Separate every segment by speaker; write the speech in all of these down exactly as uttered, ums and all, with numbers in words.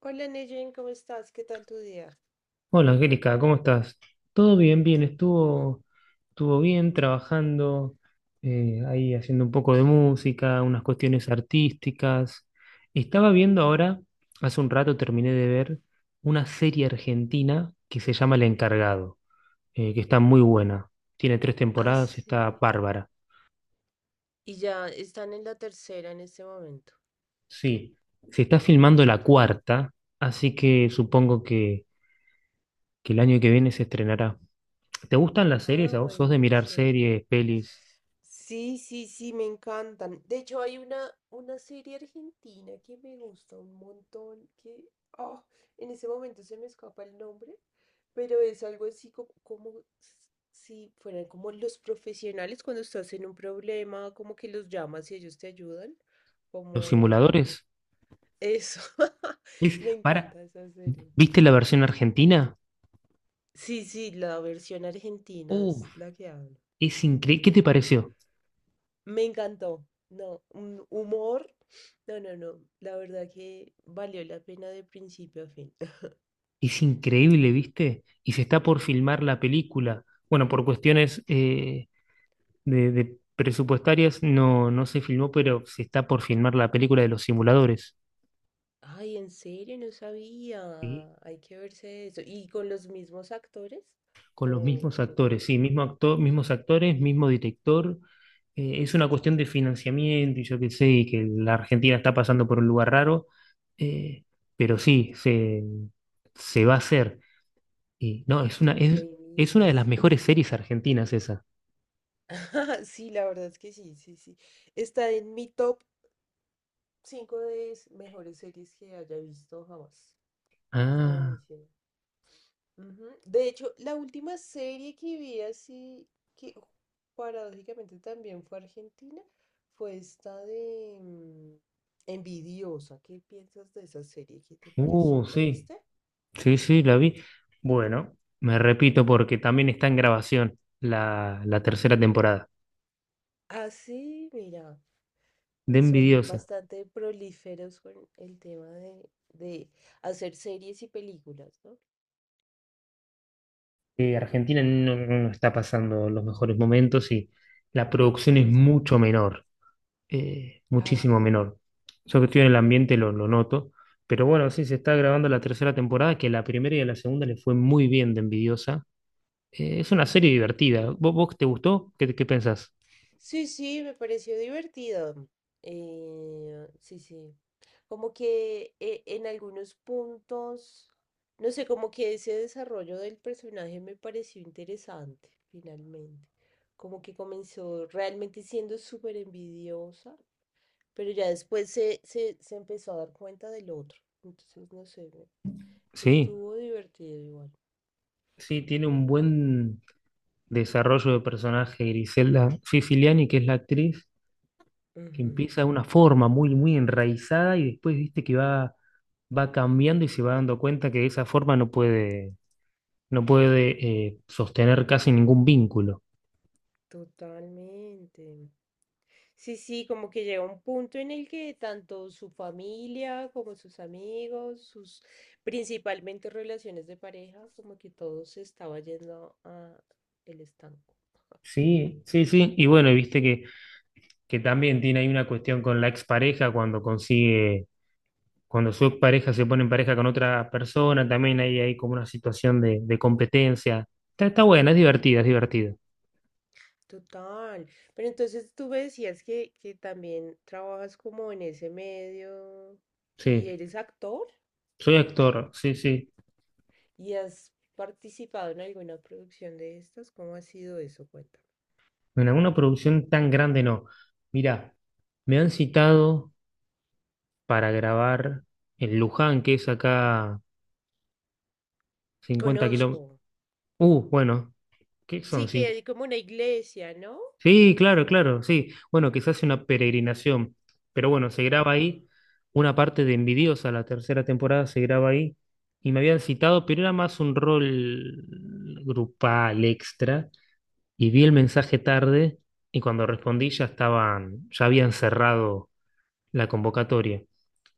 Speaker 1: Hola Neyen, ¿cómo estás? ¿Qué tal tu día?
Speaker 2: Hola Angélica, ¿cómo estás? Todo bien, bien, estuvo, estuvo bien trabajando, eh, ahí haciendo un poco de música, unas cuestiones artísticas. Estaba viendo ahora, hace un rato terminé de ver una serie argentina que se llama El Encargado, eh, que está muy buena. Tiene tres
Speaker 1: Ah,
Speaker 2: temporadas, está
Speaker 1: sí.
Speaker 2: bárbara.
Speaker 1: Y ya están en la tercera en este momento.
Speaker 2: Sí, se está filmando la cuarta, así que supongo que, que el año que viene se estrenará. ¿Te gustan las
Speaker 1: Ah,
Speaker 2: series? ¿A vos sos de mirar
Speaker 1: buenísimo.
Speaker 2: series, pelis?
Speaker 1: Sí, sí, sí, me encantan. De hecho, hay una, una serie argentina que me gusta un montón, que ah, en ese momento se me escapa el nombre, pero es algo así como, como s- si fueran como los profesionales cuando estás en un problema, como que los llamas y ellos te ayudan,
Speaker 2: Los
Speaker 1: como...
Speaker 2: simuladores.
Speaker 1: Eso,
Speaker 2: Es,
Speaker 1: me
Speaker 2: para,
Speaker 1: encanta esa serie.
Speaker 2: ¿viste la versión argentina?
Speaker 1: Sí, sí, la versión argentina
Speaker 2: Uf,
Speaker 1: es la que hablo.
Speaker 2: es increíble. ¿Qué te pareció?
Speaker 1: Me encantó. No, un humor. No, no, no. La verdad que valió la pena de principio a fin.
Speaker 2: Es increíble, ¿viste? Y se está por filmar la película. Bueno, por cuestiones eh, de, de presupuestarias no, no se filmó, pero se está por filmar la película de los simuladores.
Speaker 1: Ay, en serio, no
Speaker 2: Sí.
Speaker 1: sabía. Hay que verse eso. ¿Y con los mismos actores?
Speaker 2: Con los
Speaker 1: Oh,
Speaker 2: mismos
Speaker 1: ok.
Speaker 2: actores, sí, mismo actor, mismos actores, mismo director. Eh, es una cuestión de financiamiento y yo qué sé, y que la Argentina está pasando por un lugar raro, eh, pero sí, se, se va a hacer. Y no, es una, es, es una de las
Speaker 1: Buenísimo.
Speaker 2: mejores series argentinas esa.
Speaker 1: Sí, la verdad es que sí, sí, sí. Está en mi top cinco de s- mejores series que haya visto jamás. Está
Speaker 2: Ah,
Speaker 1: buenísimo. Ujú. De hecho, la última serie que vi así, que paradójicamente también fue argentina, fue esta de mm, Envidiosa. ¿Qué piensas de esa serie? ¿Qué te pareció?
Speaker 2: uh,
Speaker 1: ¿La
Speaker 2: sí,
Speaker 1: viste?
Speaker 2: sí, sí, la vi. Bueno, me repito porque también está en grabación la, la tercera temporada.
Speaker 1: Ah, sí, mira,
Speaker 2: De
Speaker 1: son
Speaker 2: envidiosa.
Speaker 1: bastante prolíferos con el tema de, de hacer series y películas, ¿no?
Speaker 2: Eh, Argentina no, no no está pasando los mejores momentos y la producción es
Speaker 1: Ujú.
Speaker 2: mucho menor, eh,
Speaker 1: Ah,
Speaker 2: muchísimo
Speaker 1: sí.
Speaker 2: menor. Yo que estoy en el ambiente lo, lo noto, pero bueno, sí, se está grabando la tercera temporada, que la primera y a la segunda le fue muy bien de Envidiosa. Eh, es una serie divertida. ¿Vos, vos te gustó? ¿Qué, qué pensás?
Speaker 1: Sí, sí, me pareció divertido. Eh, sí, sí. Como que eh, en algunos puntos, no sé, como que ese desarrollo del personaje me pareció interesante, finalmente. Como que comenzó realmente siendo súper envidiosa, pero ya después se, se, se empezó a dar cuenta del otro. Entonces, no sé, me-
Speaker 2: Sí,
Speaker 1: estuvo divertido igual.
Speaker 2: sí, tiene un buen desarrollo de personaje Griselda Siciliani, que es la actriz, que
Speaker 1: Ujú.
Speaker 2: empieza de una forma muy, muy enraizada y después viste que va, va cambiando y se va dando cuenta que esa forma no puede, no puede eh, sostener casi ningún vínculo.
Speaker 1: Totalmente. Sí, sí, como que llega un punto en el que tanto su familia como sus amigos, sus principalmente relaciones de pareja, como que todo se estaba yendo a el estanco.
Speaker 2: Sí, sí, sí. Y bueno, y viste que, que también tiene ahí una cuestión con la expareja cuando consigue, cuando su expareja se pone en pareja con otra persona, también ahí hay como una situación de, de competencia. Está, está buena, es divertida, es divertida.
Speaker 1: Total. Pero entonces tú me decías que, que también trabajas como en ese medio y
Speaker 2: Sí,
Speaker 1: eres actor
Speaker 2: soy actor, sí, sí.
Speaker 1: y has participado en alguna producción de estas. ¿Cómo ha sido eso? Cuéntame.
Speaker 2: Bueno, en alguna producción tan grande no. Mira, me han citado para grabar en Luján, que es acá cincuenta
Speaker 1: Conozco.
Speaker 2: kilómetros. Uh, bueno, ¿qué son?
Speaker 1: Sí, que
Speaker 2: Cinco-
Speaker 1: hay como una iglesia, ¿no?
Speaker 2: Sí, claro, claro, sí. Bueno, que se hace una peregrinación. Pero bueno, se graba
Speaker 1: Ajá,
Speaker 2: ahí. Una parte de Envidiosa, la tercera temporada, se graba ahí. Y me habían citado, pero era más un rol grupal extra. Y vi el
Speaker 1: ok.
Speaker 2: mensaje tarde y cuando respondí ya estaban, ya habían cerrado la convocatoria.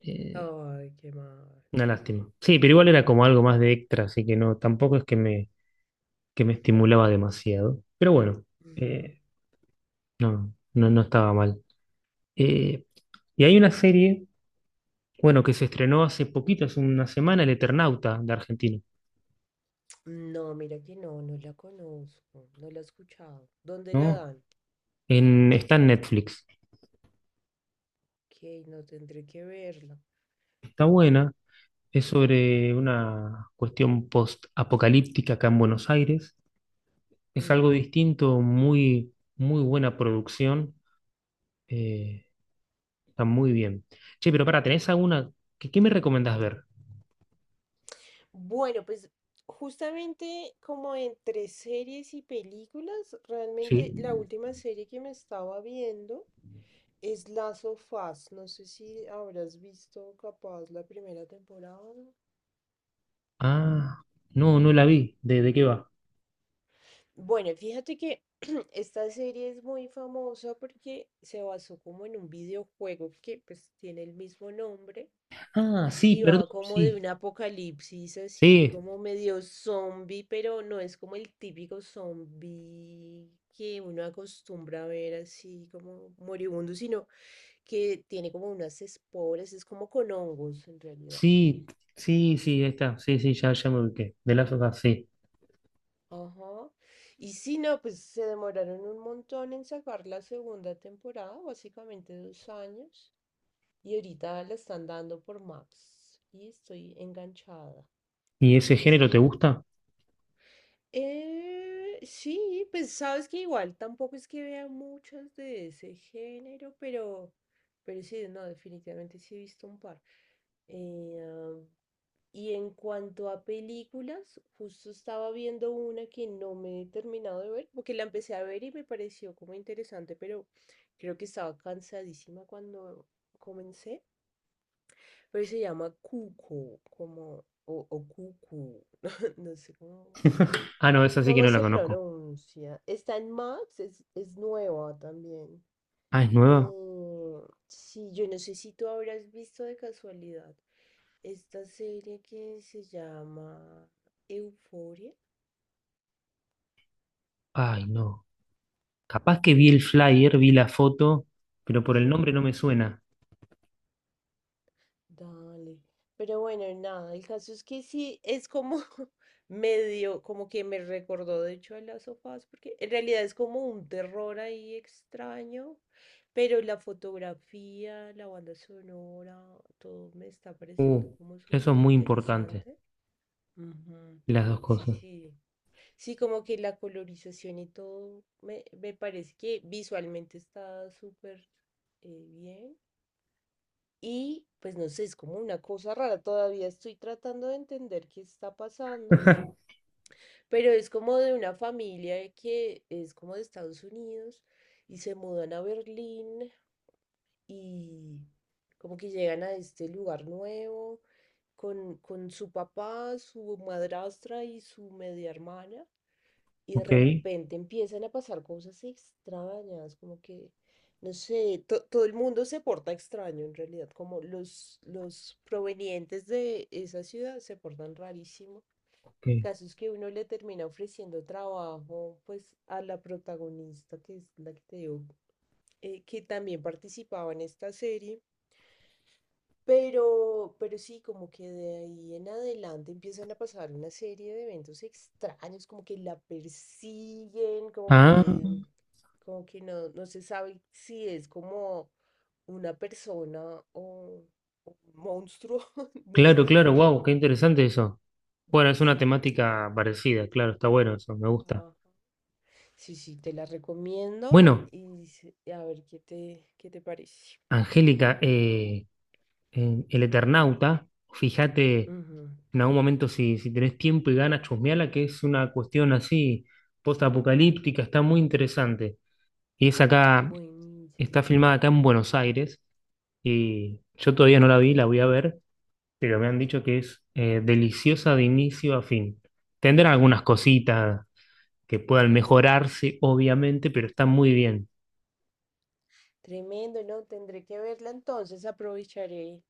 Speaker 2: Eh,
Speaker 1: Ay, qué mal.
Speaker 2: una lástima. Sí, pero igual era como algo más de extra, así que no, tampoco es que me, que me estimulaba demasiado. Pero bueno,
Speaker 1: Ujú.
Speaker 2: eh, no, no, no estaba mal. Eh, y hay una serie, bueno, que se estrenó hace poquito, hace una semana, El Eternauta de Argentina,
Speaker 1: No, mira que no, no la conozco, no la he escuchado. ¿Dónde la
Speaker 2: ¿no?
Speaker 1: dan?
Speaker 2: En, está en Netflix.
Speaker 1: Ok, no tendré que verla.
Speaker 2: Está buena, es sobre una cuestión post-apocalíptica acá en Buenos Aires. Es algo
Speaker 1: Ujú.
Speaker 2: distinto, muy, muy buena producción. eh, Está muy bien. Che, pero para, ¿tenés alguna? ¿Qué, qué me recomendás ver?
Speaker 1: Bueno, pues justamente como entre series y películas,
Speaker 2: Sí.
Speaker 1: realmente la última serie que me estaba viendo es Last of Us. No sé si habrás visto capaz la primera temporada.
Speaker 2: Ah, no, no la vi. ¿De, de qué va?
Speaker 1: Bueno, fíjate que esta serie es muy famosa porque se basó como en un videojuego que pues tiene el mismo nombre
Speaker 2: Ah, sí,
Speaker 1: y
Speaker 2: perdón,
Speaker 1: va como de
Speaker 2: sí.
Speaker 1: un apocalipsis así
Speaker 2: Sí,
Speaker 1: como medio zombie, pero no es como el típico zombie que uno acostumbra a ver así como moribundo, sino que tiene como unas esporas, es como con hongos en realidad.
Speaker 2: sí, sí, sí, ahí está. Sí, sí, ya, ya me ubiqué. De Last of Us, sí.
Speaker 1: Ajá. Y si no, pues se demoraron un montón en sacar la segunda temporada, básicamente dos años. Y ahorita la están dando por Max. Y estoy enganchada.
Speaker 2: ¿Y ese
Speaker 1: Así
Speaker 2: género te
Speaker 1: que
Speaker 2: gusta?
Speaker 1: eh, sí, pues sabes que igual tampoco es que vea muchas de ese género, pero, pero sí, no, definitivamente sí he visto un par. Eh, ah, y en cuanto a películas, justo estaba viendo una que no me he terminado de ver, porque la empecé a ver y me pareció como interesante, pero creo que estaba cansadísima cuando comencé, pero se llama Cuco, como, o, o Cucu, no, sé cómo.
Speaker 2: Ah, no, esa sí que
Speaker 1: ¿Cómo
Speaker 2: no la
Speaker 1: se
Speaker 2: conozco.
Speaker 1: pronuncia? Está en Max, es, es nueva también.
Speaker 2: Ah, ¿es nueva?
Speaker 1: Eh, sí, yo no sé si tú habrás visto de casualidad esta serie que se llama Euforia.
Speaker 2: Ay, no. Capaz que vi el flyer, vi la foto, pero por el nombre no me suena.
Speaker 1: Dale. Pero bueno, nada, el caso es que sí, es como medio, como que me recordó de hecho a las sofás, porque en realidad es como un terror ahí extraño, pero la fotografía, la banda sonora, todo me está
Speaker 2: Uh,
Speaker 1: pareciendo como
Speaker 2: eso es
Speaker 1: súper
Speaker 2: muy importante,
Speaker 1: interesante. Ujú.
Speaker 2: las dos
Speaker 1: Sí,
Speaker 2: cosas.
Speaker 1: sí. Sí, como que la colorización y todo me, me parece que visualmente está súper eh, bien. Y pues no sé, es como una cosa rara, todavía estoy tratando de entender qué está pasando, pero es como de una familia que es como de Estados Unidos y se mudan a Berlín y como que llegan a este lugar nuevo con, con su papá, su madrastra y su media hermana. Y de
Speaker 2: Ok,
Speaker 1: repente empiezan a pasar cosas extrañas, como que, no sé, to- todo el mundo se porta extraño en realidad, como los, los provenientes de esa ciudad se portan rarísimo.
Speaker 2: ok.
Speaker 1: Casos que uno le termina ofreciendo trabajo, pues, a la protagonista, que es la que te digo, eh, que también participaba en esta serie. Pero, pero sí, como que de ahí en adelante empiezan a pasar una serie de eventos extraños, como que la persiguen, como
Speaker 2: Ah,
Speaker 1: que, como que no, no se sabe si es como una persona o, o un monstruo, no
Speaker 2: claro,
Speaker 1: sé.
Speaker 2: claro, wow, qué interesante eso. Bueno, es una
Speaker 1: Sí, sí.
Speaker 2: temática parecida, claro, está bueno eso, me gusta.
Speaker 1: Ajá. Sí, sí, te la recomiendo
Speaker 2: Bueno,
Speaker 1: y s- a ver qué te, qué te parece.
Speaker 2: Angélica, eh, en El Eternauta, fíjate
Speaker 1: Ujú.
Speaker 2: en algún momento si, si tenés tiempo y ganas, chusmeala, que es una cuestión así post-apocalíptica, está muy interesante. Y es acá, está
Speaker 1: Buenísimo.
Speaker 2: filmada acá en Buenos Aires, y yo todavía no la vi, la voy a ver, pero me han dicho que es eh, deliciosa de inicio a fin. Tendrán algunas cositas que puedan mejorarse, obviamente, pero está muy bien.
Speaker 1: Tremendo, no, tendré que verla entonces, aprovecharé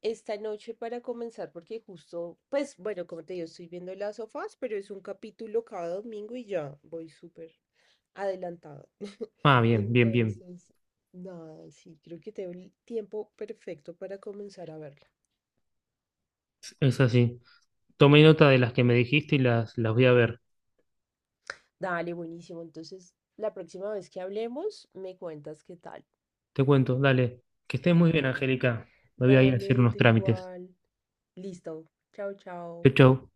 Speaker 1: esta noche para comenzar porque justo, pues bueno, como te digo, estoy viendo las sofás, pero es un capítulo cada domingo y ya voy súper adelantada.
Speaker 2: Ah, bien, bien, bien.
Speaker 1: Entonces, nada, sí, creo que tengo el tiempo perfecto para comenzar a verla.
Speaker 2: Es así. Tomé nota de las que me dijiste y las, las voy a ver.
Speaker 1: Dale, buenísimo. Entonces, la próxima vez que hablemos, me cuentas qué tal.
Speaker 2: Te cuento, dale. Que estés muy bien, Angélica. Me voy a ir a hacer
Speaker 1: Dale,
Speaker 2: unos
Speaker 1: tú
Speaker 2: trámites.
Speaker 1: igual. Listo. Chao, chao.
Speaker 2: Chau, chau.